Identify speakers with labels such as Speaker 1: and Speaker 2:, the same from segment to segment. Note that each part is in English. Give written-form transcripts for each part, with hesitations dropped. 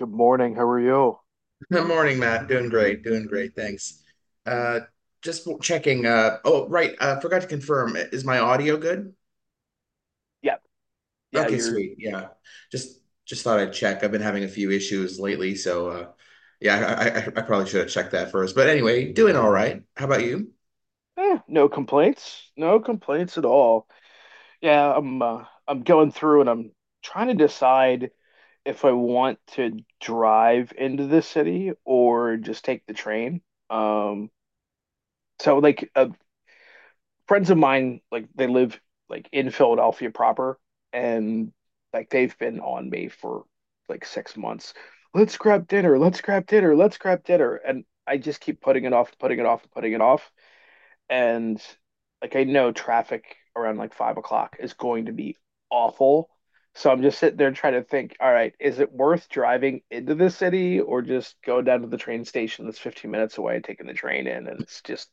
Speaker 1: Good morning. How are you?
Speaker 2: Good morning, Matt. Doing great. Doing great. Thanks. Uh, just checking. Oh, right. Forgot to confirm. I- Is my audio good?
Speaker 1: Yeah, yeah.
Speaker 2: Okay,
Speaker 1: you're
Speaker 2: sweet. Yeah. Just just thought I'd check. I've been having a few issues lately, so yeah, I probably should have checked that first. But anyway, doing all right. How about you?
Speaker 1: no complaints. No complaints at all. Yeah, I'm going through and I'm trying to decide if I want to drive into the city or just take the train. Um, so like uh, Friends of mine, like they live like in Philadelphia proper, and like they've been on me for like 6 months. Let's grab dinner. Let's grab dinner. Let's grab dinner. And I just keep putting it off, putting it off, putting it off. And like I know traffic around like 5 o'clock is going to be awful. So I'm just sitting there trying to think, all right, is it worth driving into the city or just go down to the train station that's 15 minutes away and taking the train in? And it's just,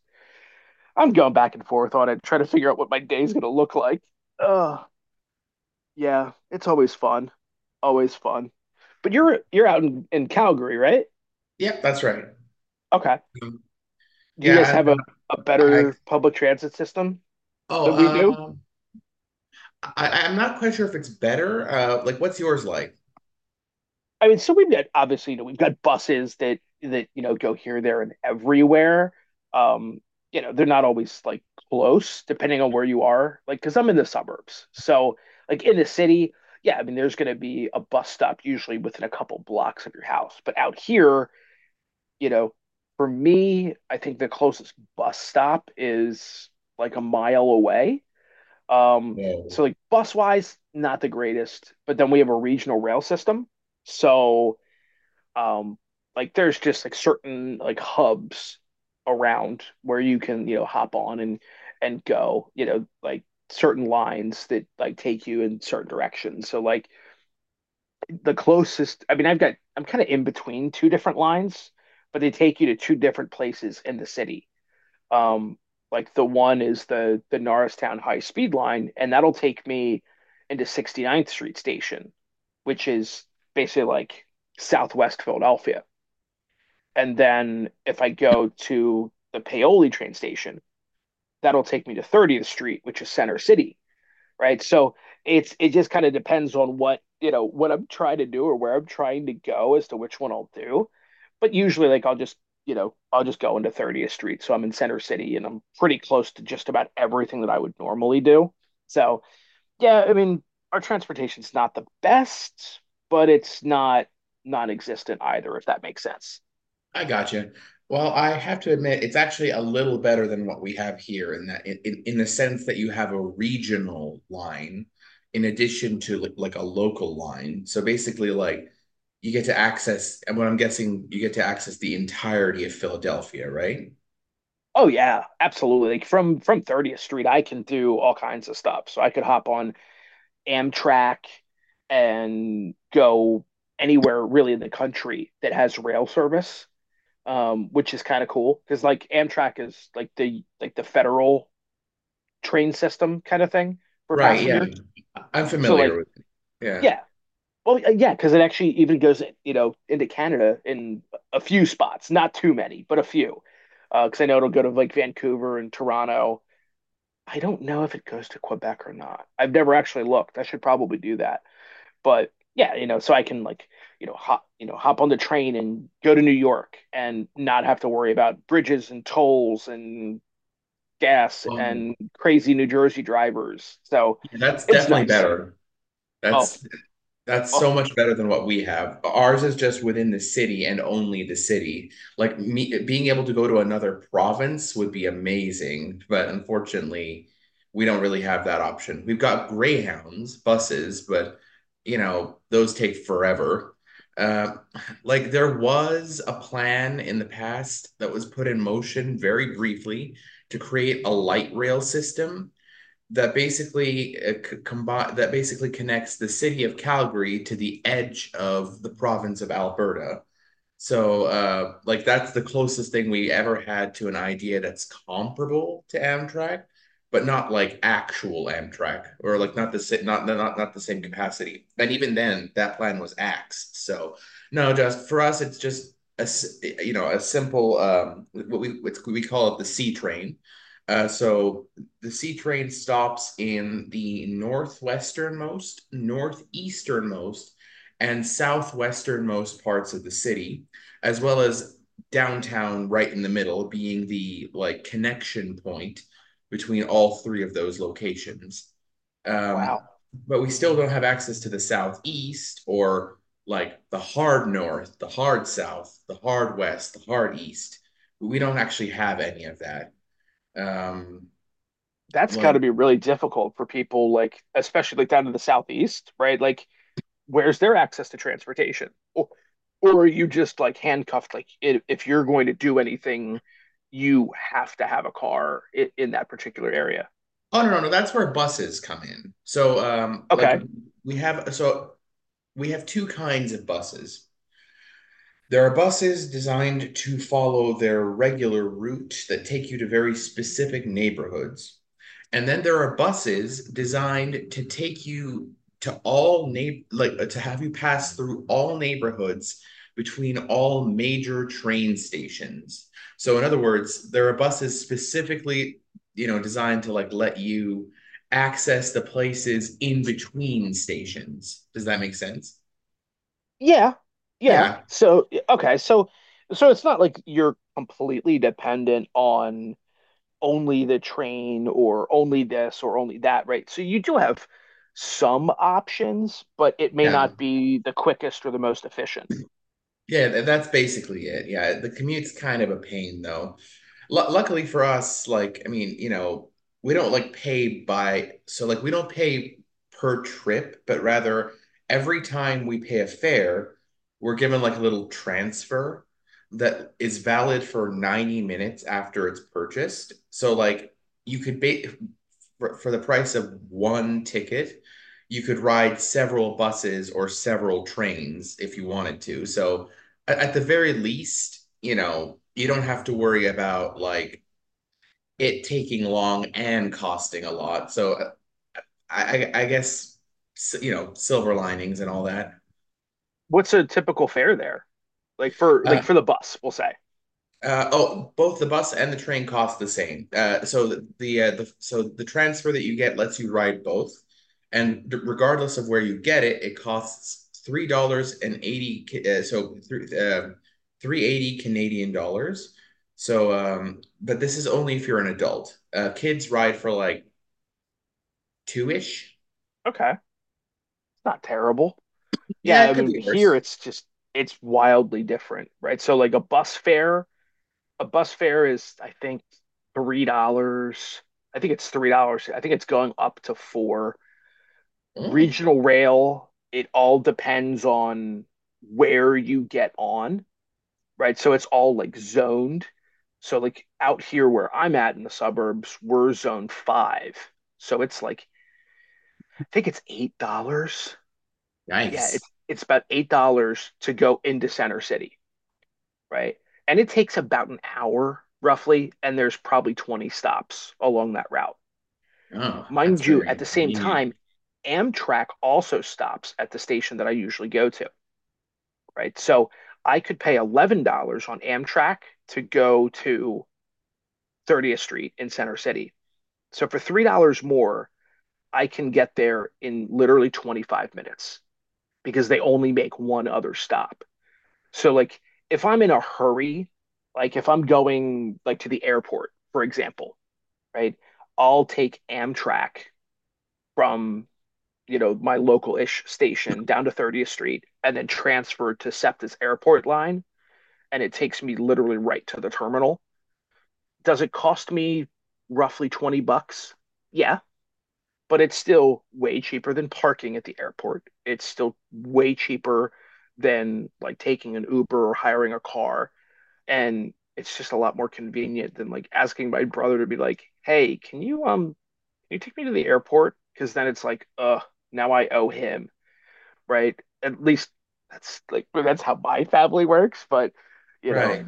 Speaker 1: I'm going back and forth on it, trying to figure out what my day's going to look like. Oh, yeah, it's always fun. Always fun. But you're out in Calgary, right?
Speaker 2: Yep, that's right.
Speaker 1: Okay.
Speaker 2: Um,
Speaker 1: Do you guys
Speaker 2: yeah, and
Speaker 1: have a
Speaker 2: I
Speaker 1: better public transit system
Speaker 2: oh
Speaker 1: than we do?
Speaker 2: um I- I'm not quite sure if it's better. Like, what's yours like?
Speaker 1: I mean, so we've got obviously, you know, we've got buses that you know go here, there, and everywhere. Um, you know, they're not always like close, depending on where you are. Like, because I'm in the suburbs, so like in the city, yeah, I mean, there's going to be a bus stop usually within a couple blocks of your house. But out here, you know, for me, I think the closest bus stop is like a mile away. Um, so like bus wise, not the greatest. But then we have a regional rail system, so um like there's just like certain like hubs around where you can you know hop on and go you know like certain lines that like take you in certain directions. So like the closest, I mean, I've got, I'm kind of in between two different lines, but they take you to two different places in the city. Um, like the one is the Norristown high speed line, and that'll take me into 69th Street Station, which is basically like Southwest Philadelphia. And then if I go to the Paoli train station, that'll take me to 30th Street, which is Center City, right? So it just kind of depends on what, you know, what I'm trying to do or where I'm trying to go as to which one I'll do. But usually like I'll just, you know, I'll just go into 30th Street. So I'm in Center City and I'm pretty close to just about everything that I would normally do. So, yeah, I mean, our transportation's not the best, but it's not non-existent either, if that makes sense.
Speaker 2: I got you. Well, I have to admit, it's actually a little better than what we have here in that in the sense that you have a regional line in addition to like a local line. So basically, like you get to access, and what I'm guessing, you get to access the entirety of Philadelphia, right?
Speaker 1: Oh yeah, absolutely. Like from 30th Street, I can do all kinds of stuff. So I could hop on Amtrak and go anywhere really in the country that has rail service, which is kind of cool because like Amtrak is like the federal train system kind of thing for
Speaker 2: Right. Yeah.
Speaker 1: passengers.
Speaker 2: I am
Speaker 1: So
Speaker 2: familiar
Speaker 1: like
Speaker 2: with it. Yeah.
Speaker 1: yeah, yeah, because it actually even goes you know into Canada in a few spots, not too many, but a few. Because I know it'll go to like Vancouver and Toronto. I don't know if it goes to Quebec or not. I've never actually looked. I should probably do that. But yeah, you know, so I can like, you know, hop on the train and go to New York and not have to worry about bridges and tolls and gas
Speaker 2: Well,
Speaker 1: and crazy New Jersey drivers. So
Speaker 2: yeah, that's
Speaker 1: it's
Speaker 2: definitely
Speaker 1: nice.
Speaker 2: better.
Speaker 1: Oh,
Speaker 2: That's That's so
Speaker 1: oh,
Speaker 2: much better than what we have. Ours is just within the city and only the city. Like me being able to go to another province would be amazing, but unfortunately, we don't really have that option. We've got Greyhounds buses, but those take forever. Uh, like there was a plan in the past that was put in motion very briefly to create a light rail system that basically connects the city of Calgary to the edge of the province of Alberta. So like that's the closest thing we ever had to an idea that's comparable to Amtrak, but not like actual Amtrak or like not the si- not not not the same capacity. And even then, that plan was axed. So no, just for us, it's just a you know a simple what we call it the C train. So the C train stops in the northwesternmost, northeasternmost, and southwesternmost parts of the city as well as downtown right in the middle being the like connection point between all three of those locations. Um,
Speaker 1: wow.
Speaker 2: but we still don't have access to the southeast or like the hard north, the hard south, the hard west, the hard east. We don't actually have any of that. Um,
Speaker 1: That's got
Speaker 2: like,
Speaker 1: to be really difficult for people like especially like down to the southeast, right? Like where's their access to transportation? Or are you just like handcuffed? Like if you're going to do anything, you have to have a car in that particular area.
Speaker 2: oh, no, no, no, that's where buses come in. So, like,
Speaker 1: Okay.
Speaker 2: we have we have two kinds of buses. There are buses designed to follow their regular route that take you to very specific neighborhoods. And then there are buses designed to take you to have you pass through all neighborhoods between all major train stations. So in other words, there are buses specifically, designed to like let you access the places in between stations. Does that make sense?
Speaker 1: Yeah. Yeah.
Speaker 2: Yeah.
Speaker 1: So, okay. So, so it's not like you're completely dependent on only the train or only this or only that, right? So you do have some options, but it may
Speaker 2: Yeah.
Speaker 1: not be the quickest or the most efficient.
Speaker 2: Yeah, that's basically it. Yeah, the commute's kind of a pain though. Lu luckily for us, like, I mean, we don't like pay by, so like we don't pay per trip, but rather every time we pay a fare, we're given like a little transfer that is valid for 90 minutes after it's purchased. So like you could for the price of one ticket, you could ride several buses or several trains if you wanted to. So at the very least, you don't have to worry about like it taking long and costing a lot. So I guess silver linings and all that.
Speaker 1: What's a typical fare there? Like for the bus, we'll say.
Speaker 2: Oh, both the bus and the train cost the same. So the transfer that you get lets you ride both, and regardless of where you get it, it costs $3.80. So 3.80 Canadian dollars. So, but this is only if you're an adult. Kids ride for like two ish.
Speaker 1: Okay. It's not terrible. Yeah,
Speaker 2: Yeah,
Speaker 1: I
Speaker 2: it could
Speaker 1: mean
Speaker 2: be
Speaker 1: here
Speaker 2: worse.
Speaker 1: it's just it's wildly different, right? So like a bus fare is I think $3. I think it's $3. I think it's going up to four.
Speaker 2: Oh,
Speaker 1: Regional rail, it all depends on where you get on, right? So it's all like zoned. So like out here where I'm at in the suburbs, we're zone five. So it's like I think it's $8, yeah,
Speaker 2: yikes!
Speaker 1: it's about $8 to go into Center City, right? And it takes about an hour roughly, and there's probably 20 stops along that route.
Speaker 2: Oh, that's
Speaker 1: Mind you,
Speaker 2: very
Speaker 1: at the same
Speaker 2: inconvenient.
Speaker 1: time, Amtrak also stops at the station that I usually go to, right? So I could pay $11 on Amtrak to go to 30th Street in Center City. So for $3 more, I can get there in literally 25 minutes because they only make one other stop. So like if I'm in a hurry, like if I'm going like to the airport, for example, right? I'll take Amtrak from, you know, my local-ish station down to 30th Street and then transfer to SEPTA's airport line and it takes me literally right to the terminal. Does it cost me roughly 20 bucks? Yeah, but it's still way cheaper than parking at the airport. It's still way cheaper than like taking an Uber or hiring a car, and it's just a lot more convenient than like asking my brother to be like, "Hey, can you take me to the airport?" Because then it's like, now I owe him," right? At least that's how my family works, but you know,
Speaker 2: Right.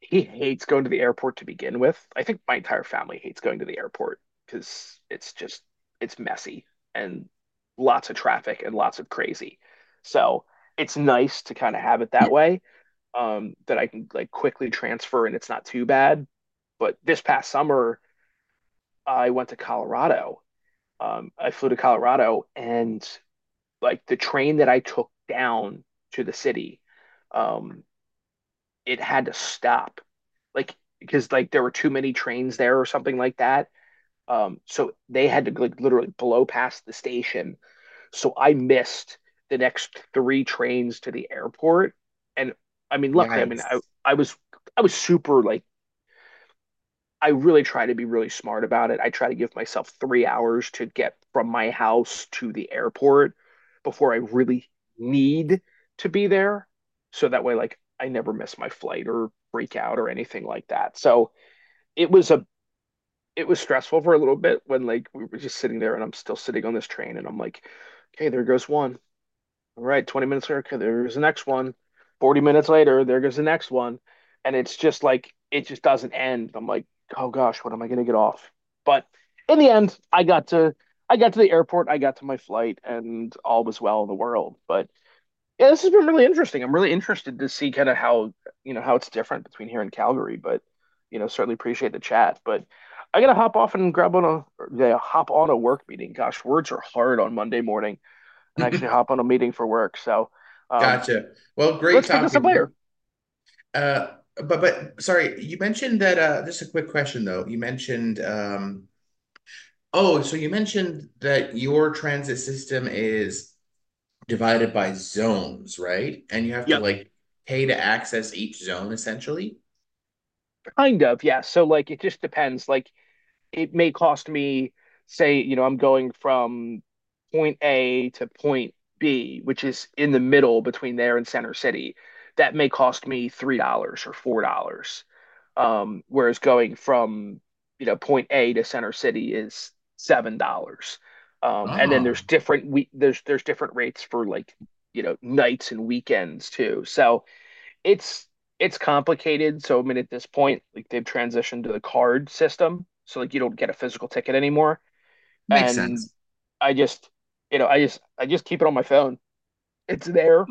Speaker 1: he hates going to the airport to begin with. I think my entire family hates going to the airport because it's just it's messy and lots of traffic and lots of crazy. So, it's nice to kind of have it that way that I can like quickly transfer and it's not too bad. But this past summer, I went to Colorado. I flew to Colorado and like the train that I took down to the city, um, it had to stop like because like there were too many trains there or something like that. So they had to like literally blow past the station. So I missed the next three trains to the airport. And I mean, luckily,
Speaker 2: Yikes.
Speaker 1: I was I was super like I really try to be really smart about it. I try to give myself 3 hours to get from my house to the airport before I really need to be there. So that way, like, I never miss my flight or freak out or anything like that. So it was a it was stressful for a little bit when like we were just sitting there and I'm still sitting on this train and I'm like, okay, there goes one. All right, 20 minutes later, okay, there's the next one. 40 minutes later, there goes the next one. And it's just like, it just doesn't end. I'm like, oh gosh, what am I going to get off? But in the end, I got to the airport, I got to my flight, and all was well in the world. But yeah, this has been really interesting. I'm really interested to see kind of how, you know, how it's different between here and Calgary. But, you know, certainly appreciate the chat. But I gotta hop off and grab on a, yeah, hop on a work meeting. Gosh, words are hard on Monday morning, and actually hop on a meeting for work. So um,
Speaker 2: Gotcha. Well, great
Speaker 1: let's pick this
Speaker 2: talking
Speaker 1: up
Speaker 2: to you.
Speaker 1: later.
Speaker 2: Uh, but sorry, you mentioned that just a quick question though. So you mentioned that your transit system is divided by zones, right? And you have to
Speaker 1: Yep.
Speaker 2: like pay to access each zone essentially.
Speaker 1: Kind of, yeah. So like it just depends. Like it may cost me, say, you know, I'm going from point A to point B, which is in the middle between there and Center City. That may cost me $3 or $4. Whereas going from you know point A to Center City is $7. And then
Speaker 2: Oh,
Speaker 1: there's different rates for like you know nights and weekends too. So it's it's complicated. So I mean at this point, like they've transitioned to the card system, so like you don't get a physical ticket anymore.
Speaker 2: makes
Speaker 1: And
Speaker 2: sense.
Speaker 1: I just you know I just keep it on my phone. It's there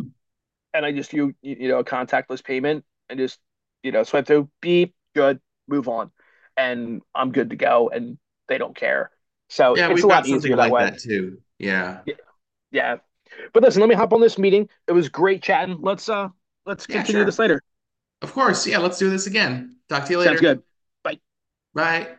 Speaker 1: and I just you know a contactless payment and just you know swipe through, beep, good, move on, and I'm good to go, and they don't care, so
Speaker 2: Yeah,
Speaker 1: it's a
Speaker 2: we've got
Speaker 1: lot
Speaker 2: something
Speaker 1: easier that
Speaker 2: like
Speaker 1: way.
Speaker 2: that too. Yeah.
Speaker 1: Yeah, yeah, but listen, let me hop on this meeting. It was great chatting. Let's
Speaker 2: Yeah,
Speaker 1: continue this
Speaker 2: sure.
Speaker 1: later.
Speaker 2: Of course. Yeah, let's do this again. Talk to you
Speaker 1: Sounds
Speaker 2: later.
Speaker 1: good. Bye.
Speaker 2: Bye.